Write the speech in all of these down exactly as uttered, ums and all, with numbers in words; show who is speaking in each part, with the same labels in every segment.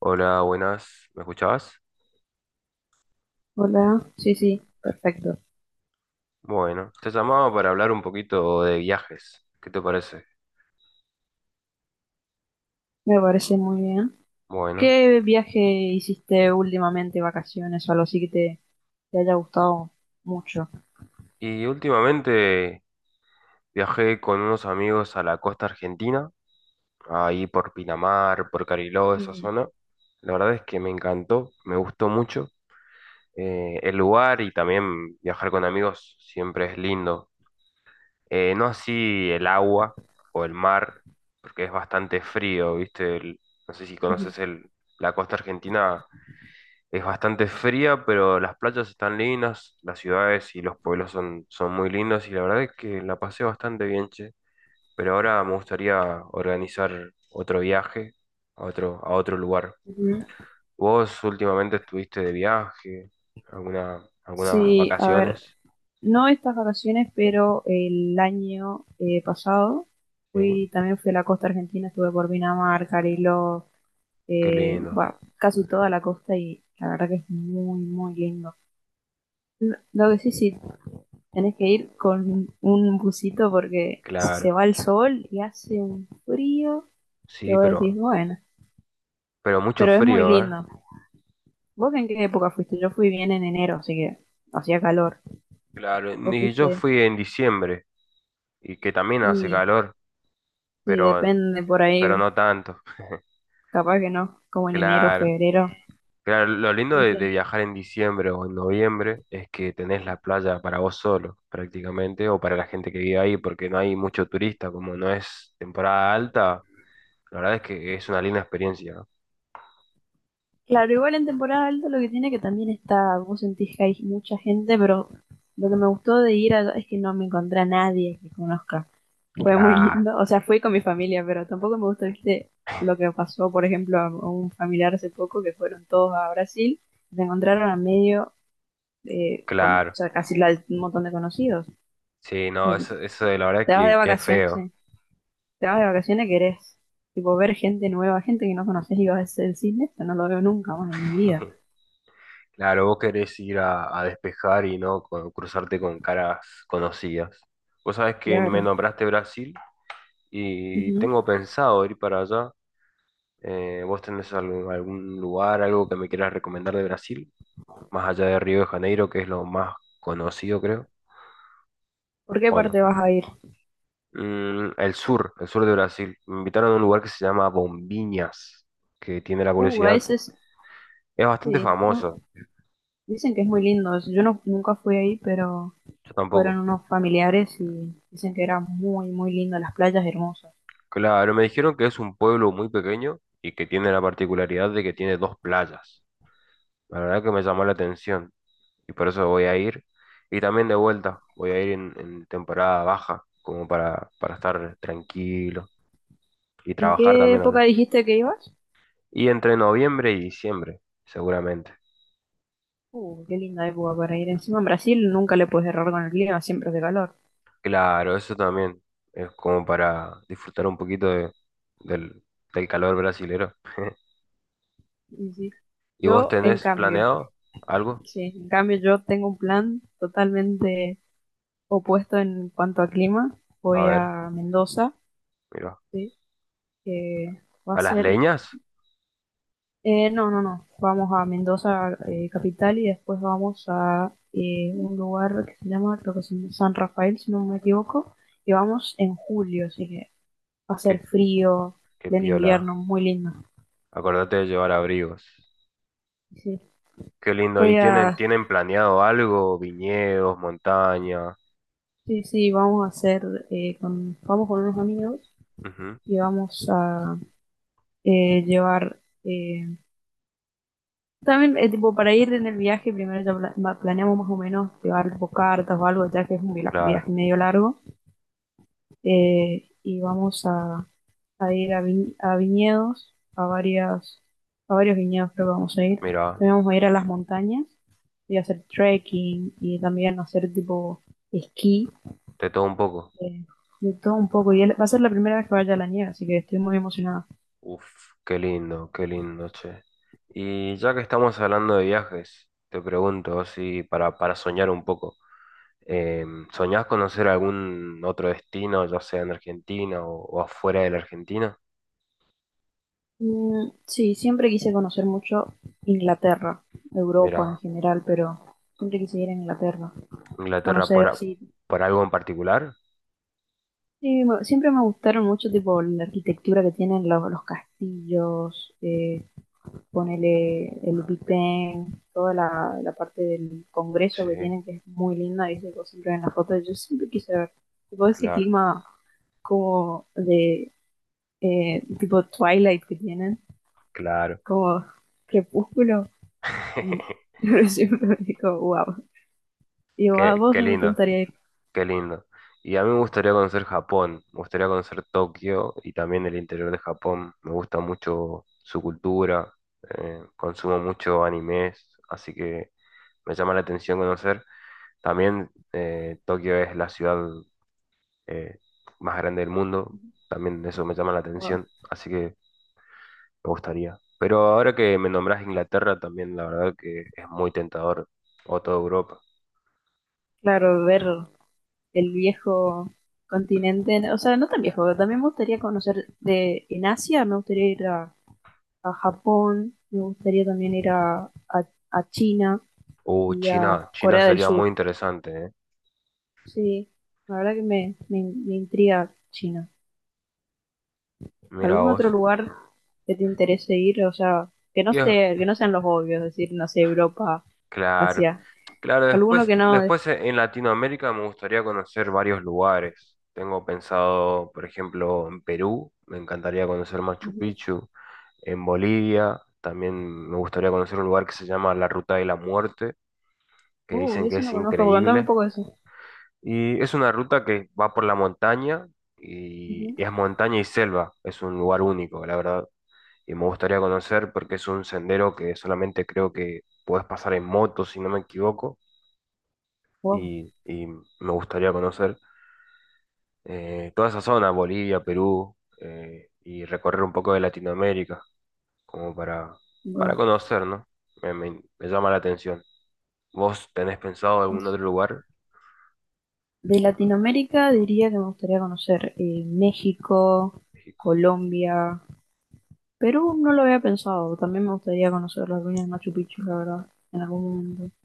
Speaker 1: Hola, buenas. ¿Me escuchabas?
Speaker 2: Hola, sí, sí, perfecto.
Speaker 1: Bueno, te llamaba para hablar un poquito de viajes. ¿Qué te parece?
Speaker 2: Me parece muy bien.
Speaker 1: Bueno,
Speaker 2: ¿Qué viaje hiciste últimamente, vacaciones o algo así que te, te haya gustado mucho?
Speaker 1: y últimamente viajé con unos amigos a la costa argentina, ahí por Pinamar, por Cariló, esa
Speaker 2: Mm,
Speaker 1: zona. La verdad es que me encantó, me gustó mucho, eh, el lugar, y también viajar con amigos siempre es lindo. Eh, no así el agua o el mar, porque es bastante frío, ¿viste? El- no sé si
Speaker 2: ujú,
Speaker 1: conoces el, la costa argentina. Es bastante fría, pero las playas están lindas, las ciudades y los pueblos son, son muy lindos, y la verdad es que la pasé bastante bien, che. Pero ahora me gustaría organizar otro viaje a otro, a otro lugar.
Speaker 2: ujú.
Speaker 1: ¿Vos últimamente estuviste de viaje? ¿Alguna, algunas
Speaker 2: Sí, a ver,
Speaker 1: vacaciones?
Speaker 2: no estas vacaciones, pero el año eh, pasado
Speaker 1: ¿Sí?
Speaker 2: fui, también fui a la costa argentina, estuve por Pinamar, Cariló,
Speaker 1: Qué
Speaker 2: eh,
Speaker 1: lindo,
Speaker 2: bueno, casi toda la costa y la verdad que es muy, muy lindo. Lo lo que sí, sí, tenés que ir con un busito porque se
Speaker 1: claro.
Speaker 2: va el sol y hace un frío que
Speaker 1: Sí,
Speaker 2: vos decís,
Speaker 1: pero,
Speaker 2: bueno,
Speaker 1: pero mucho
Speaker 2: pero es muy
Speaker 1: frío, ¿eh?
Speaker 2: lindo. ¿Vos en qué época fuiste? Yo fui bien en enero, así que hacía calor.
Speaker 1: Claro,
Speaker 2: Vos
Speaker 1: y yo
Speaker 2: fuiste
Speaker 1: fui en diciembre y que también hace
Speaker 2: y
Speaker 1: calor,
Speaker 2: sí,
Speaker 1: pero,
Speaker 2: depende por
Speaker 1: pero
Speaker 2: ahí,
Speaker 1: no tanto.
Speaker 2: capaz que no, como en enero,
Speaker 1: Claro.
Speaker 2: febrero.
Speaker 1: Claro, lo lindo
Speaker 2: Sí,
Speaker 1: de, de
Speaker 2: sí.
Speaker 1: viajar en diciembre o en noviembre es que tenés la playa para vos solo, prácticamente, o para la gente que vive ahí, porque no hay mucho turista, como no es temporada alta, la verdad es que es una linda experiencia.
Speaker 2: Claro, igual en temporada alta lo que tiene que también está, vos sentís que hay mucha gente, pero lo que me gustó de ir allá es que no me encontré a nadie que conozca. Fue muy
Speaker 1: Claro,
Speaker 2: lindo, o sea, fui con mi familia, pero tampoco me gustó, viste, lo que pasó, por ejemplo, a a un familiar hace poco que fueron todos a Brasil, se encontraron a medio, eh, con, o
Speaker 1: claro.
Speaker 2: sea, casi la- un montón de conocidos.
Speaker 1: Sí, no,
Speaker 2: Eh,
Speaker 1: eso, eso de la verdad
Speaker 2: te vas de
Speaker 1: que, que es
Speaker 2: vacaciones,
Speaker 1: feo.
Speaker 2: sí. Te vas de vacaciones, querés, tipo, ver gente nueva, gente que no conoces y vas a hacer el cine, eso no lo veo nunca más en mi vida.
Speaker 1: Claro, vos querés ir a, a despejar y no co- cruzarte con caras conocidas. Vos sabés que me
Speaker 2: Claro.
Speaker 1: nombraste Brasil y
Speaker 2: Ujú.
Speaker 1: tengo pensado ir para allá. Eh, ¿vos tenés algún, algún lugar, algo que me quieras recomendar de Brasil? Más allá de Río de Janeiro, que es lo más conocido, creo,
Speaker 2: ¿Por qué
Speaker 1: ¿o no?
Speaker 2: parte vas a ir?
Speaker 1: Mm, el sur, el sur de Brasil. Me invitaron a un lugar que se llama Bombinhas, que tiene la
Speaker 2: Uh, a
Speaker 1: curiosidad.
Speaker 2: ese es-
Speaker 1: Es bastante
Speaker 2: sí. No,
Speaker 1: famoso,
Speaker 2: dicen que es muy lindo. Yo no, nunca fui ahí, pero
Speaker 1: yo
Speaker 2: fueron
Speaker 1: tampoco.
Speaker 2: unos familiares y dicen que era muy, muy lindo, las playas hermosas.
Speaker 1: Claro, me dijeron que es un pueblo muy pequeño y que tiene la particularidad de que tiene dos playas. La verdad que me llamó la atención, y por eso voy a ir. Y también de vuelta, voy a ir en, en temporada baja, como para, para estar tranquilo y
Speaker 2: ¿En
Speaker 1: trabajar
Speaker 2: qué
Speaker 1: también
Speaker 2: época
Speaker 1: allá.
Speaker 2: dijiste que ibas?
Speaker 1: Y entre noviembre y diciembre, seguramente.
Speaker 2: Uh, qué linda época para ir. Encima en Brasil nunca le puedes errar con el clima, siempre es de calor.
Speaker 1: Claro, eso también es como para disfrutar un poquito de- del, del calor brasilero.
Speaker 2: Y sí.
Speaker 1: ¿Y vos
Speaker 2: Yo, en
Speaker 1: tenés
Speaker 2: cambio,
Speaker 1: planeado algo?
Speaker 2: sí, en cambio yo tengo un plan totalmente opuesto en cuanto a clima.
Speaker 1: A
Speaker 2: Voy
Speaker 1: ver,
Speaker 2: a Mendoza,
Speaker 1: mira.
Speaker 2: sí, que va a
Speaker 1: ¿A las
Speaker 2: ser…
Speaker 1: leñas?
Speaker 2: Eh, no, no, no. Vamos a Mendoza, eh, capital, y después vamos a eh, un lugar que se llama, creo que es San Rafael, si no me equivoco, y vamos en julio, así que va a ser
Speaker 1: ¿Qué,
Speaker 2: frío,
Speaker 1: qué
Speaker 2: pleno
Speaker 1: piola?
Speaker 2: invierno, muy lindo.
Speaker 1: Acordate de llevar abrigos.
Speaker 2: Sí,
Speaker 1: Qué lindo. ¿Y
Speaker 2: voy
Speaker 1: tienen,
Speaker 2: a,
Speaker 1: tienen planeado algo? Viñedos, montaña,
Speaker 2: sí, sí, vamos a hacer, eh, con, vamos con unos amigos
Speaker 1: ujú,
Speaker 2: y vamos a eh, llevar, eh, también, eh, tipo, para ir en el viaje, primero ya pla- ma- planeamos más o menos llevar tipo, cartas o algo, ya que es un vila-
Speaker 1: claro,
Speaker 2: viaje medio largo eh, y vamos a, a ir a, vi- a viñedos, a varias, a varios viñedos creo que vamos a ir.
Speaker 1: mira,
Speaker 2: También vamos a ir a las montañas y hacer trekking y también hacer tipo esquí,
Speaker 1: de todo un poco.
Speaker 2: eh, de todo un poco. Y él- va a ser la primera vez que vaya a la nieve, así que estoy muy emocionada.
Speaker 1: Uf, qué lindo, qué lindo, che. Y ya que estamos hablando de viajes, te pregunto, así para, para soñar un poco, eh, ¿soñás conocer algún otro destino, ya sea en Argentina o, o afuera de la Argentina?
Speaker 2: Mm, sí, siempre quise conocer mucho Inglaterra,
Speaker 1: Mira,
Speaker 2: Europa en general, pero siempre quise ir a Inglaterra,
Speaker 1: Inglaterra por,
Speaker 2: conocer
Speaker 1: a-
Speaker 2: así…
Speaker 1: por algo en particular.
Speaker 2: Sí, me- siempre me gustaron mucho, tipo, la arquitectura que tienen los, los castillos, eh, ponele el Bipén, toda la, la parte del
Speaker 1: Sí,
Speaker 2: Congreso que tienen, que es muy linda, y se siempre en las fotos, yo siempre quise ver, tipo, ese
Speaker 1: claro,
Speaker 2: clima como de, eh, tipo, Twilight que tienen,
Speaker 1: claro.
Speaker 2: como crepúsculo. Mm. Pero siempre me digo, wow, y digo, "Ah,
Speaker 1: Qué,
Speaker 2: ¿vos
Speaker 1: qué
Speaker 2: dónde te
Speaker 1: lindo.
Speaker 2: gustaría ir?"
Speaker 1: Qué lindo. Y a mí me gustaría conocer Japón, me gustaría conocer Tokio y también el interior de Japón. Me gusta mucho su cultura, eh, consumo mucho animes, así que me llama la atención conocer. También eh, Tokio es la ciudad eh, más grande del mundo, también eso me llama la
Speaker 2: Wow.
Speaker 1: atención, así que me gustaría. Pero ahora que me nombras Inglaterra también, la verdad que es muy tentador, o toda Europa.
Speaker 2: Claro, ver el viejo continente. O sea, no tan viejo, también me gustaría conocer de, en Asia, me gustaría ir a, a Japón, me gustaría también ir a, a, a China
Speaker 1: Uh,
Speaker 2: y a
Speaker 1: China, China
Speaker 2: Corea del
Speaker 1: sería muy
Speaker 2: Sur.
Speaker 1: interesante, ¿eh?
Speaker 2: Sí, la verdad que me, me, me intriga China.
Speaker 1: Mira
Speaker 2: ¿Algún otro
Speaker 1: vos.
Speaker 2: lugar que te interese ir? O sea, que no
Speaker 1: Y es-
Speaker 2: esté, que no sean los obvios, es decir, no sé, Europa,
Speaker 1: claro,
Speaker 2: Asia.
Speaker 1: claro,
Speaker 2: Alguno
Speaker 1: después,
Speaker 2: que no.
Speaker 1: después e- en Latinoamérica me gustaría conocer varios lugares. Tengo pensado, por ejemplo, en Perú, me encantaría conocer Machu
Speaker 2: Ujú.
Speaker 1: Picchu, en Bolivia, también me gustaría conocer un lugar que se llama la Ruta de la Muerte, que
Speaker 2: Uh,
Speaker 1: dicen que
Speaker 2: eso
Speaker 1: es
Speaker 2: no conozco, contame un
Speaker 1: increíble.
Speaker 2: poco de eso.
Speaker 1: Y es una ruta que va por la montaña y
Speaker 2: Ujú.
Speaker 1: y es montaña y selva, es un lugar único, la verdad. Y me gustaría conocer porque es un sendero que solamente creo que puedes pasar en moto, si no me equivoco
Speaker 2: Wow,
Speaker 1: y, y me gustaría conocer eh, toda esa zona, Bolivia, Perú, eh, y recorrer un poco de Latinoamérica, como para, para
Speaker 2: wow.
Speaker 1: conocer, ¿no? Me, me- me llama la atención. ¿Vos tenés pensado algún otro lugar?
Speaker 2: De Latinoamérica diría que me gustaría conocer eh, México,
Speaker 1: México.
Speaker 2: Colombia, Perú no lo había pensado. También me gustaría conocer las ruinas de Machu Picchu, la verdad, en algún momento.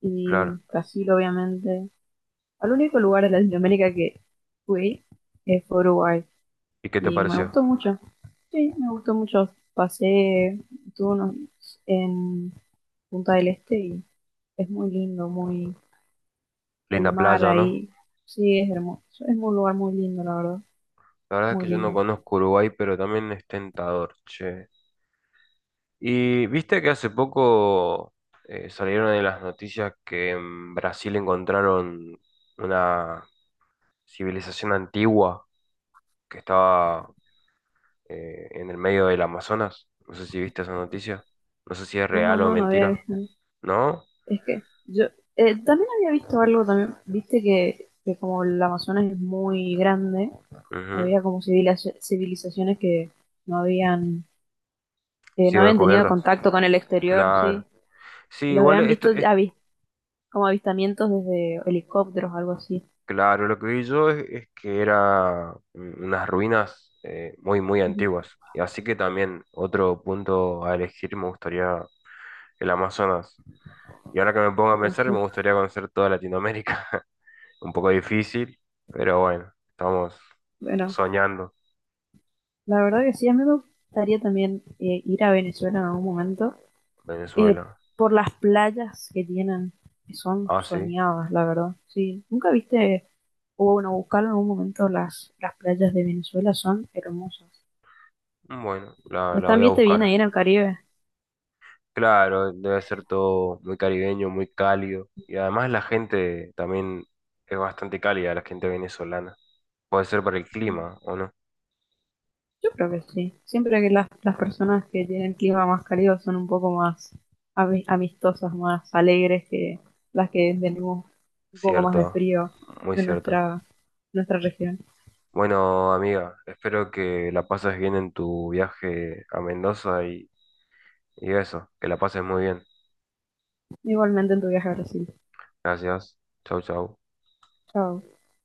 Speaker 2: Y
Speaker 1: Claro.
Speaker 2: Brasil, obviamente. Al único lugar de Latinoamérica que fui eh, fue Uruguay.
Speaker 1: ¿Y qué te
Speaker 2: Y me
Speaker 1: pareció?
Speaker 2: gustó mucho. Sí, me gustó mucho. Pasé, estuve unos- en Punta del Este y es muy lindo, muy el
Speaker 1: Linda
Speaker 2: mar
Speaker 1: playa, ¿no?
Speaker 2: ahí. Sí, es hermoso. Es un lugar muy lindo, la verdad.
Speaker 1: La verdad es
Speaker 2: Muy
Speaker 1: que yo no
Speaker 2: lindo.
Speaker 1: conozco Uruguay, pero también es tentador, che. Y viste que hace poco eh, salieron en las noticias que en Brasil encontraron una civilización antigua que estaba eh, en el medio del Amazonas. No sé si viste esa noticia. No sé si es
Speaker 2: No, no,
Speaker 1: real o
Speaker 2: no, no había
Speaker 1: mentira.
Speaker 2: visto.
Speaker 1: ¿No?
Speaker 2: Es que yo eh, también había visto algo también, viste que, que como el Amazonas es muy grande,
Speaker 1: Ujú.
Speaker 2: había como civila- civilizaciones que no habían, que no
Speaker 1: Sido
Speaker 2: habían tenido
Speaker 1: descubiertas.
Speaker 2: contacto con el exterior,
Speaker 1: Claro.
Speaker 2: sí,
Speaker 1: Sí,
Speaker 2: y los
Speaker 1: igual
Speaker 2: habían
Speaker 1: esto
Speaker 2: visto
Speaker 1: es
Speaker 2: avi- como avistamientos desde helicópteros o algo así.
Speaker 1: claro. Lo que vi yo es, es que era un- unas ruinas eh, muy, muy
Speaker 2: Ujú.
Speaker 1: antiguas. Y así que también otro punto a elegir me gustaría el Amazonas. Y ahora que me pongo a
Speaker 2: Oh,
Speaker 1: pensar, me
Speaker 2: sí.
Speaker 1: gustaría conocer toda Latinoamérica. Un poco difícil, pero bueno, estamos
Speaker 2: Bueno,
Speaker 1: soñando
Speaker 2: la verdad que sí, a mí me gustaría también eh, ir a Venezuela en algún momento, eh,
Speaker 1: Venezuela.
Speaker 2: por las playas que tienen, que son
Speaker 1: Ah, sí.
Speaker 2: soñadas, la verdad. Sí, ¿nunca viste? O bueno, buscarlo en algún momento, las, las playas de Venezuela son hermosas.
Speaker 1: Bueno, la,
Speaker 2: Pero
Speaker 1: la voy a
Speaker 2: también te viene
Speaker 1: buscar.
Speaker 2: ahí en el Caribe.
Speaker 1: Claro, debe ser todo muy caribeño, muy cálido. Y además la gente también es bastante cálida, la gente venezolana. Puede ser por el
Speaker 2: Mm.
Speaker 1: clima, ¿o no?
Speaker 2: Yo creo que sí. Siempre que las, las personas que tienen clima más cálido son un poco más ami- amistosas, más alegres que las que tenemos un poco más de
Speaker 1: Cierto,
Speaker 2: frío
Speaker 1: muy
Speaker 2: en
Speaker 1: cierto.
Speaker 2: nuestra, nuestra región.
Speaker 1: Bueno, amiga, espero que la pases bien en tu viaje a Mendoza y, y eso, que la pases muy bien.
Speaker 2: Igualmente en tu viaje a Brasil.
Speaker 1: Gracias. Chau, chau.
Speaker 2: Chao.